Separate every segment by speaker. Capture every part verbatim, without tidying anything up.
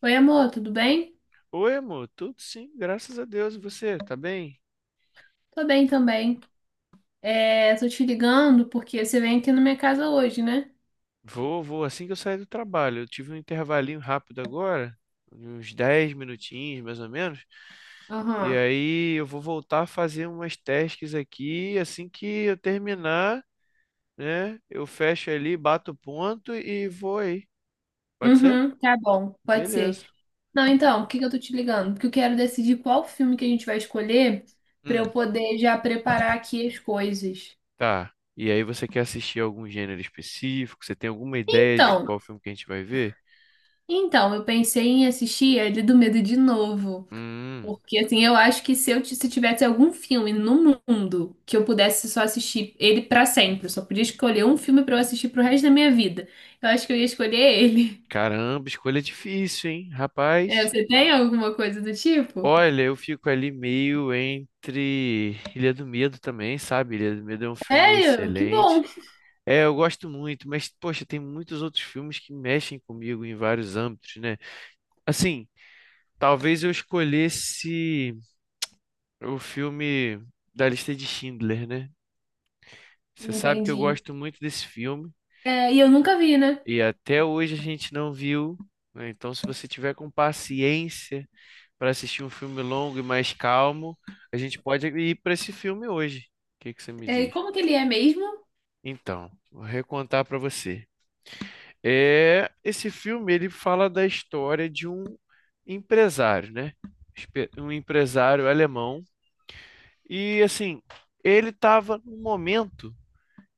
Speaker 1: Oi, amor, tudo bem?
Speaker 2: Oi, amor, tudo sim, graças a Deus. E você, tá bem?
Speaker 1: Tô bem também. É, tô te ligando porque você vem aqui na minha casa hoje, né?
Speaker 2: Vou, vou, assim que eu sair do trabalho. Eu tive um intervalinho rápido agora, de uns dez minutinhos, mais ou menos. E
Speaker 1: Aham.
Speaker 2: aí eu vou voltar a fazer umas tasks aqui. Assim que eu terminar, né? Eu fecho ali, bato o ponto e vou aí. Pode ser?
Speaker 1: Uhum, tá bom, pode ser.
Speaker 2: Beleza.
Speaker 1: Não, então, por que que eu tô te ligando? Porque eu quero decidir qual filme que a gente vai escolher pra
Speaker 2: Hum,
Speaker 1: eu poder já preparar aqui as coisas.
Speaker 2: tá. E aí você quer assistir algum gênero específico? Você tem alguma ideia de
Speaker 1: Então,
Speaker 2: qual filme que a gente vai ver?
Speaker 1: então, eu pensei em assistir ele do Medo de novo.
Speaker 2: Hum,
Speaker 1: Porque, assim, eu acho que se eu ti- se tivesse algum filme no mundo que eu pudesse só assistir ele pra sempre, eu só podia escolher um filme pra eu assistir pro resto da minha vida, eu acho que eu ia escolher ele.
Speaker 2: Caramba, escolha difícil, hein?
Speaker 1: É,
Speaker 2: Rapaz.
Speaker 1: você tem alguma coisa do tipo?
Speaker 2: Olha, eu fico ali meio entre Ilha do Medo também, sabe? Ilha do Medo é um filme
Speaker 1: É, eu, que
Speaker 2: excelente.
Speaker 1: bom.
Speaker 2: É, eu gosto muito, mas, poxa, tem muitos outros filmes que mexem comigo em vários âmbitos, né? Assim, talvez eu escolhesse o filme da lista de Schindler, né? Você sabe que eu
Speaker 1: Entendi.
Speaker 2: gosto muito desse filme
Speaker 1: É, e eu nunca vi, né?
Speaker 2: e até hoje a gente não viu, né? Então, se você tiver com paciência, para assistir um filme longo e mais calmo, a gente pode ir para esse filme hoje. O que que você me
Speaker 1: É, e
Speaker 2: diz?
Speaker 1: como que ele é mesmo?
Speaker 2: Então, vou recontar para você. É, esse filme ele fala da história de um empresário, né? Espe- Um empresário alemão e assim, ele estava num momento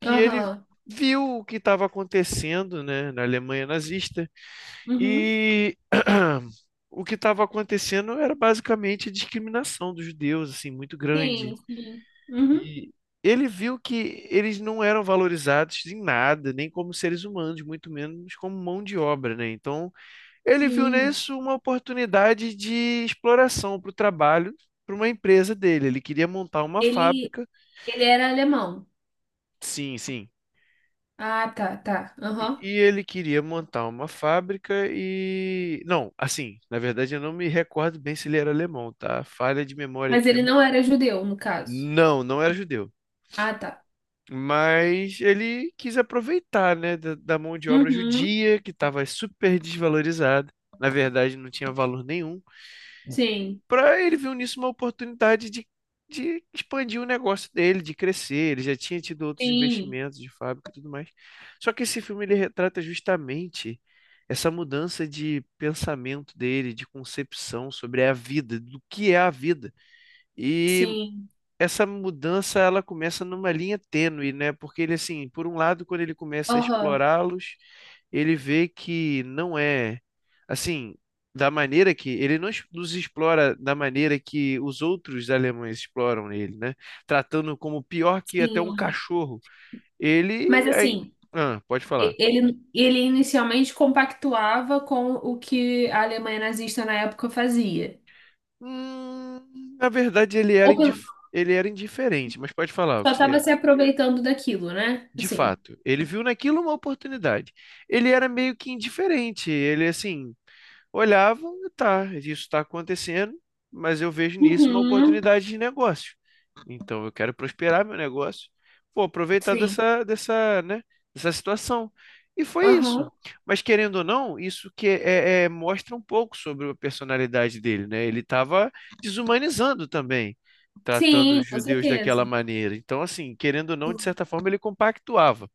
Speaker 2: que ele
Speaker 1: Aham.
Speaker 2: viu o que estava acontecendo, né, na Alemanha nazista
Speaker 1: Uhum.
Speaker 2: e o que estava acontecendo era basicamente a discriminação dos judeus, assim, muito grande.
Speaker 1: Sim, sim. Uhum.
Speaker 2: E ele viu que eles não eram valorizados em nada, nem como seres humanos, muito menos como mão de obra, né? Então, ele viu
Speaker 1: Sim.
Speaker 2: nisso uma oportunidade de exploração para o trabalho, para uma empresa dele. Ele queria montar uma
Speaker 1: Ele,
Speaker 2: fábrica.
Speaker 1: ele era alemão.
Speaker 2: Sim, sim.
Speaker 1: Ah, tá, tá.
Speaker 2: E
Speaker 1: Aham.
Speaker 2: e ele queria montar uma fábrica e. Não, assim, na verdade eu não me recordo bem se ele era alemão, tá? Falha de memória
Speaker 1: Mas ele
Speaker 2: aqui.
Speaker 1: não era judeu, no caso.
Speaker 2: Não, não era judeu.
Speaker 1: Ah, tá.
Speaker 2: Mas ele quis aproveitar, né, da, da mão de obra
Speaker 1: Uhum.
Speaker 2: judia, que estava super desvalorizada, na verdade não tinha valor nenhum,
Speaker 1: Sim,
Speaker 2: para ele viu nisso uma oportunidade de, de expandir o negócio dele, de crescer. Ele já tinha tido outros
Speaker 1: sim,
Speaker 2: investimentos de fábrica e tudo mais. Só que esse filme ele retrata justamente essa mudança de pensamento dele, de concepção sobre a vida, do que é a vida. E
Speaker 1: sim,
Speaker 2: essa mudança ela começa numa linha tênue, né? Porque ele assim, por um lado, quando ele começa a
Speaker 1: aham,
Speaker 2: explorá-los, ele vê que não é assim, da maneira que ele não es- nos explora da maneira que os outros alemães exploram ele, né? Tratando como pior que até um
Speaker 1: sim.
Speaker 2: cachorro. Ele
Speaker 1: Mas
Speaker 2: aí,
Speaker 1: assim,
Speaker 2: ah, pode
Speaker 1: e-
Speaker 2: falar.
Speaker 1: ele, ele inicialmente compactuava com o que a Alemanha nazista na época fazia.
Speaker 2: Hum, na verdade ele era
Speaker 1: Ou pelo-
Speaker 2: indif- ele era indiferente, mas pode falar o
Speaker 1: só
Speaker 2: que
Speaker 1: estava
Speaker 2: você
Speaker 1: se aproveitando daquilo, né?
Speaker 2: De
Speaker 1: Assim.
Speaker 2: fato, ele viu naquilo uma oportunidade. Ele era meio que indiferente, ele assim, olhava, tá, isso está acontecendo, mas eu vejo nisso uma
Speaker 1: Uhum,
Speaker 2: oportunidade de negócio. Então eu quero prosperar meu negócio, vou aproveitar
Speaker 1: sim,
Speaker 2: dessa, dessa, né, dessa situação. E foi isso.
Speaker 1: aham,
Speaker 2: Mas querendo ou não, isso que é, é- mostra um pouco sobre a personalidade dele, né? Ele estava desumanizando também tratando
Speaker 1: sim,
Speaker 2: os
Speaker 1: com
Speaker 2: judeus
Speaker 1: certeza.
Speaker 2: daquela maneira. Então, assim, querendo ou não, de
Speaker 1: Sim.
Speaker 2: certa forma, ele compactuava.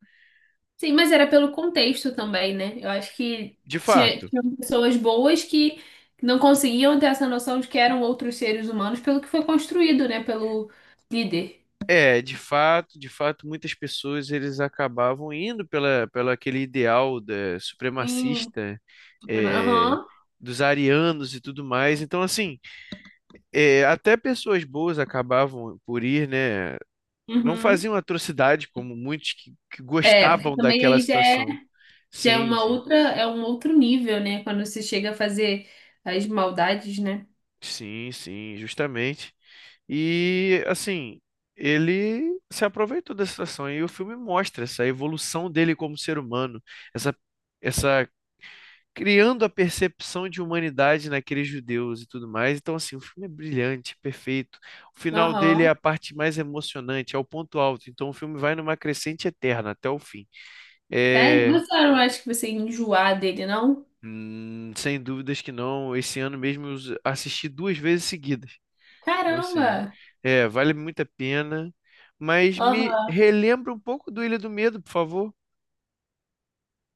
Speaker 1: Sim, mas era pelo contexto também, né? Eu acho que
Speaker 2: De
Speaker 1: tinha,
Speaker 2: fato,
Speaker 1: tinham pessoas boas que não conseguiam ter essa noção de que eram outros seres humanos pelo que foi construído, né? Pelo líder.
Speaker 2: é, de fato, de fato, muitas pessoas eles acabavam indo pela, pela aquele ideal da,
Speaker 1: Sim.
Speaker 2: supremacista,
Speaker 1: Superman,
Speaker 2: é,
Speaker 1: aham.
Speaker 2: dos arianos e tudo mais. Então, assim, é, até pessoas boas acabavam por ir, né? Não
Speaker 1: Uhum.
Speaker 2: faziam atrocidade como muitos que, que
Speaker 1: É, porque
Speaker 2: gostavam
Speaker 1: também
Speaker 2: daquela
Speaker 1: aí já é,
Speaker 2: situação.
Speaker 1: já é
Speaker 2: Sim,
Speaker 1: uma
Speaker 2: sim.
Speaker 1: outra, é um outro nível, né? Quando você chega a fazer as maldades, né?
Speaker 2: Sim, sim, justamente. E assim, ele se aproveitou dessa situação e o filme mostra essa evolução dele como ser humano, essa essa criando a percepção de humanidade naqueles judeus e tudo mais. Então assim, o filme é brilhante, perfeito. O final dele é
Speaker 1: Aham.
Speaker 2: a parte mais emocionante, é o ponto alto. Então o filme vai numa crescente eterna até o fim.
Speaker 1: Sério?
Speaker 2: É,
Speaker 1: Você não acha que você ia enjoar dele, não?
Speaker 2: hum, sem dúvidas que não. Esse ano mesmo eu assisti duas vezes seguidas. Então, assim,
Speaker 1: Caramba!
Speaker 2: é, vale muito a pena. Mas me
Speaker 1: Aham.
Speaker 2: relembra um pouco do Ilha do Medo, por favor.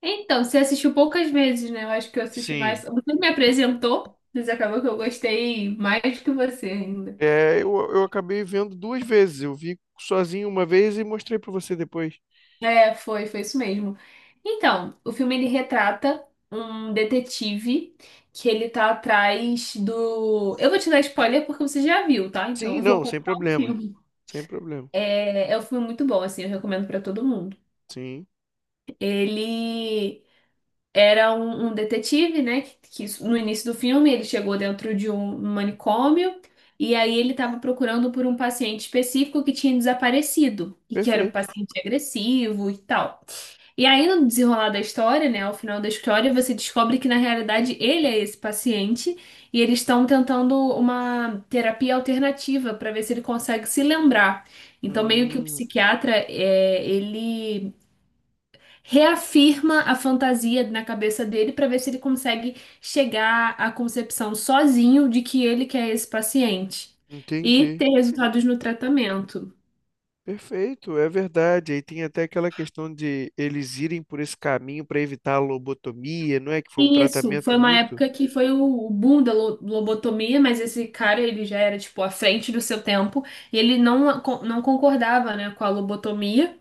Speaker 1: Então, você assistiu poucas vezes, né? Eu acho que eu assisti
Speaker 2: Sim.
Speaker 1: mais. Você me apresentou, mas acabou que eu gostei mais do que você ainda.
Speaker 2: É, eu, eu acabei vendo duas vezes. Eu vi sozinho uma vez e mostrei pra você depois.
Speaker 1: É, foi, foi isso mesmo. Então, o filme ele retrata um detetive que ele tá atrás do. Eu vou te dar spoiler porque você já viu, tá? Então,
Speaker 2: Sim,
Speaker 1: eu vou
Speaker 2: não, sem
Speaker 1: contar o
Speaker 2: problema.
Speaker 1: filme.
Speaker 2: Sem problema.
Speaker 1: É, é um filme muito bom, assim, eu recomendo pra todo mundo.
Speaker 2: Sim,
Speaker 1: Ele era um, um detetive, né? Que, que isso- no início do filme ele chegou dentro de um manicômio e aí ele estava procurando por um paciente específico que tinha desaparecido e que era um
Speaker 2: perfeito.
Speaker 1: paciente agressivo e tal. E aí, no desenrolar da história, né, ao final da história, você descobre que na realidade ele é esse paciente e eles estão tentando uma terapia alternativa para ver se ele consegue se lembrar. Então, meio que o
Speaker 2: Hum,
Speaker 1: psiquiatra, é, ele reafirma a fantasia na cabeça dele para ver se ele consegue chegar à concepção sozinho de que ele que é esse paciente e
Speaker 2: entendi.
Speaker 1: ter resultados no tratamento.
Speaker 2: Perfeito, é verdade. Aí tem até aquela questão de eles irem por esse caminho para evitar a lobotomia, não é? Que foi um
Speaker 1: Isso,
Speaker 2: tratamento
Speaker 1: foi uma
Speaker 2: muito.
Speaker 1: época que foi o, o boom da lo- lobotomia, mas esse cara, ele já era, tipo, à frente do seu tempo, e ele não, a- não concordava, né, com a lobotomia,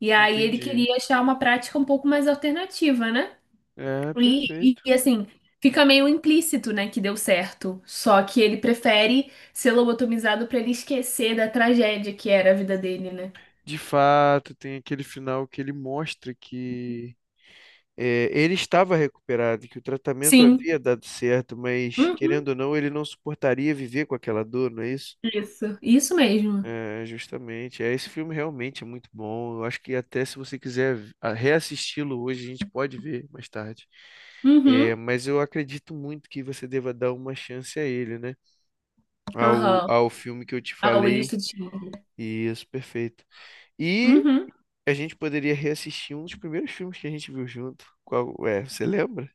Speaker 1: e aí ele
Speaker 2: Entendi.
Speaker 1: queria achar uma prática um pouco mais alternativa, né?
Speaker 2: É,
Speaker 1: E, e,
Speaker 2: perfeito.
Speaker 1: e, assim, fica meio implícito, né, que deu certo, só que ele prefere ser lobotomizado pra ele esquecer da tragédia que era a vida dele, né?
Speaker 2: De fato, tem aquele final que ele mostra que eh, ele estava recuperado, que o tratamento
Speaker 1: Sim.
Speaker 2: havia dado certo, mas
Speaker 1: Uhum.
Speaker 2: querendo ou não, ele não suportaria viver com aquela dor, não é isso?
Speaker 1: Isso, isso mesmo.
Speaker 2: É, justamente. É, esse filme realmente é muito bom. Eu acho que até se você quiser v- a- reassisti-lo hoje, a gente pode ver mais tarde. É,
Speaker 1: Uhum.
Speaker 2: mas eu acredito muito que você deva dar uma chance a ele, né? Ao,
Speaker 1: Aham.
Speaker 2: ao filme que eu te
Speaker 1: Ah, o
Speaker 2: falei.
Speaker 1: ilícito de Schindler.
Speaker 2: Isso, perfeito. E
Speaker 1: Uhum.
Speaker 2: a gente poderia reassistir um dos primeiros filmes que a gente viu junto. Qual é? Você lembra?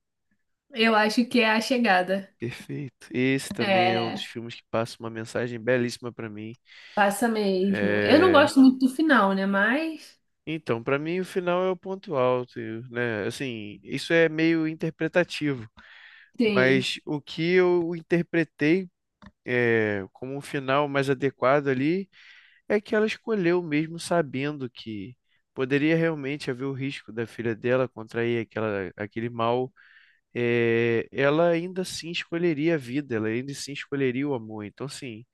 Speaker 1: Eu acho que é a chegada.
Speaker 2: Perfeito. Esse também é um dos
Speaker 1: É,
Speaker 2: filmes que passa uma mensagem belíssima pra mim.
Speaker 1: passa mesmo. Eu não
Speaker 2: É,
Speaker 1: gosto muito do final, né? Mas
Speaker 2: então, pra mim o final é o ponto alto, e, né? Assim, isso é meio interpretativo,
Speaker 1: tem,
Speaker 2: mas o que eu interpretei é, como um final mais adequado ali é que ela escolheu mesmo sabendo que poderia realmente haver o risco da filha dela contrair aquela, aquele mal, eh, ela ainda assim escolheria a vida, ela ainda assim escolheria o amor. Então, assim,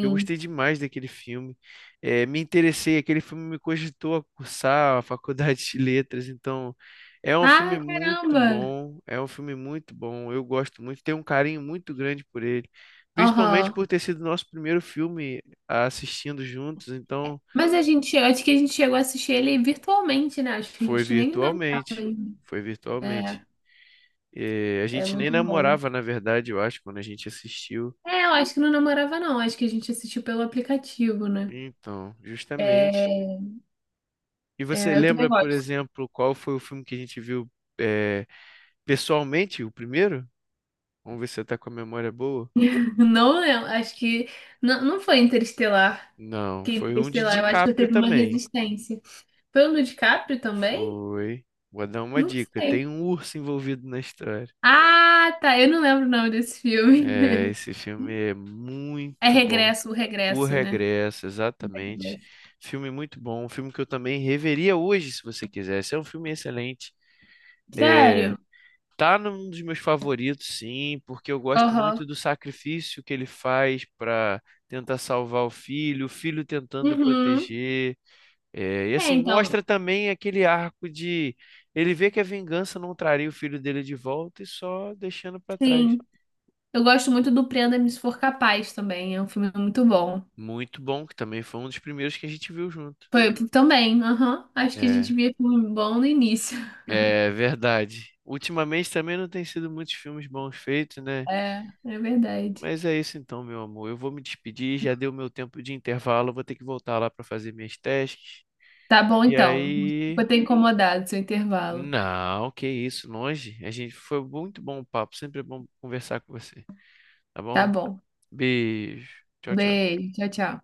Speaker 2: eu gostei demais daquele filme, eh, me interessei, aquele filme me cogitou a cursar a faculdade de letras, então é um
Speaker 1: Ah,
Speaker 2: filme muito
Speaker 1: caramba!
Speaker 2: bom, é um filme muito bom, eu gosto muito, tenho um carinho muito grande por ele, principalmente
Speaker 1: Aham.
Speaker 2: por ter sido nosso primeiro filme assistindo juntos, então
Speaker 1: Mas a gente, acho que a gente chegou a assistir ele virtualmente, né? Acho que a
Speaker 2: foi
Speaker 1: gente nem namorava
Speaker 2: virtualmente,
Speaker 1: ainda.
Speaker 2: foi
Speaker 1: É,
Speaker 2: virtualmente. Eh, a
Speaker 1: é
Speaker 2: gente nem
Speaker 1: muito bom.
Speaker 2: namorava, na verdade, eu acho, quando a gente assistiu.
Speaker 1: É, eu acho que não namorava, não. Acho que a gente assistiu pelo aplicativo, né?
Speaker 2: Então, justamente.
Speaker 1: É,
Speaker 2: E você
Speaker 1: é, eu também
Speaker 2: lembra, por
Speaker 1: gosto.
Speaker 2: exemplo, qual foi o filme que a gente viu eh, pessoalmente, o primeiro? Vamos ver se você tá com a memória boa.
Speaker 1: Não lembro, acho que. Não, não foi Interestelar.
Speaker 2: Não,
Speaker 1: Que
Speaker 2: foi um de
Speaker 1: Interestelar, eu acho que eu
Speaker 2: DiCaprio
Speaker 1: teve uma
Speaker 2: também.
Speaker 1: resistência. Foi pelo DiCaprio também?
Speaker 2: Foi. Vou dar uma
Speaker 1: Não
Speaker 2: dica. Tem
Speaker 1: sei.
Speaker 2: um urso envolvido na história.
Speaker 1: Ah, tá. Eu não lembro o nome desse
Speaker 2: É,
Speaker 1: filme.
Speaker 2: esse filme é
Speaker 1: É
Speaker 2: muito bom.
Speaker 1: Regresso, o
Speaker 2: O
Speaker 1: Regresso, né?
Speaker 2: Regresso, exatamente.
Speaker 1: Regresso.
Speaker 2: Filme muito bom. Um filme que eu também reveria hoje, se você quisesse. É um filme excelente. É,
Speaker 1: Sério?
Speaker 2: tá num dos meus favoritos, sim, porque eu gosto
Speaker 1: Aham.
Speaker 2: muito do sacrifício que ele faz para tentar salvar o filho, o filho tentando
Speaker 1: Uhum.
Speaker 2: proteger. É, e
Speaker 1: É,
Speaker 2: assim, mostra
Speaker 1: então,
Speaker 2: também aquele arco de ele vê que a vingança não traria o filho dele de volta e só deixando para trás.
Speaker 1: sim. Eu gosto muito do Prenda-me Se For Capaz também. É um filme muito bom.
Speaker 2: Muito bom, que também foi um dos primeiros que a gente viu junto.
Speaker 1: Foi também, aham. Acho que a
Speaker 2: É,
Speaker 1: gente via filme bom no início.
Speaker 2: é verdade. Ultimamente também não tem sido muitos filmes bons feitos, né?
Speaker 1: É, é verdade.
Speaker 2: Mas é isso então, meu amor. Eu vou me despedir, já deu meu tempo de intervalo, eu vou ter que voltar lá para fazer minhas testes.
Speaker 1: Tá bom,
Speaker 2: E
Speaker 1: então.
Speaker 2: aí.
Speaker 1: Vou ter incomodado seu intervalo.
Speaker 2: Não, que isso, longe. A gente foi muito bom o papo, sempre é bom conversar com você, tá
Speaker 1: Tá
Speaker 2: bom?
Speaker 1: bom.
Speaker 2: Beijo. Tchau, tchau.
Speaker 1: Beijo. Tchau, tchau.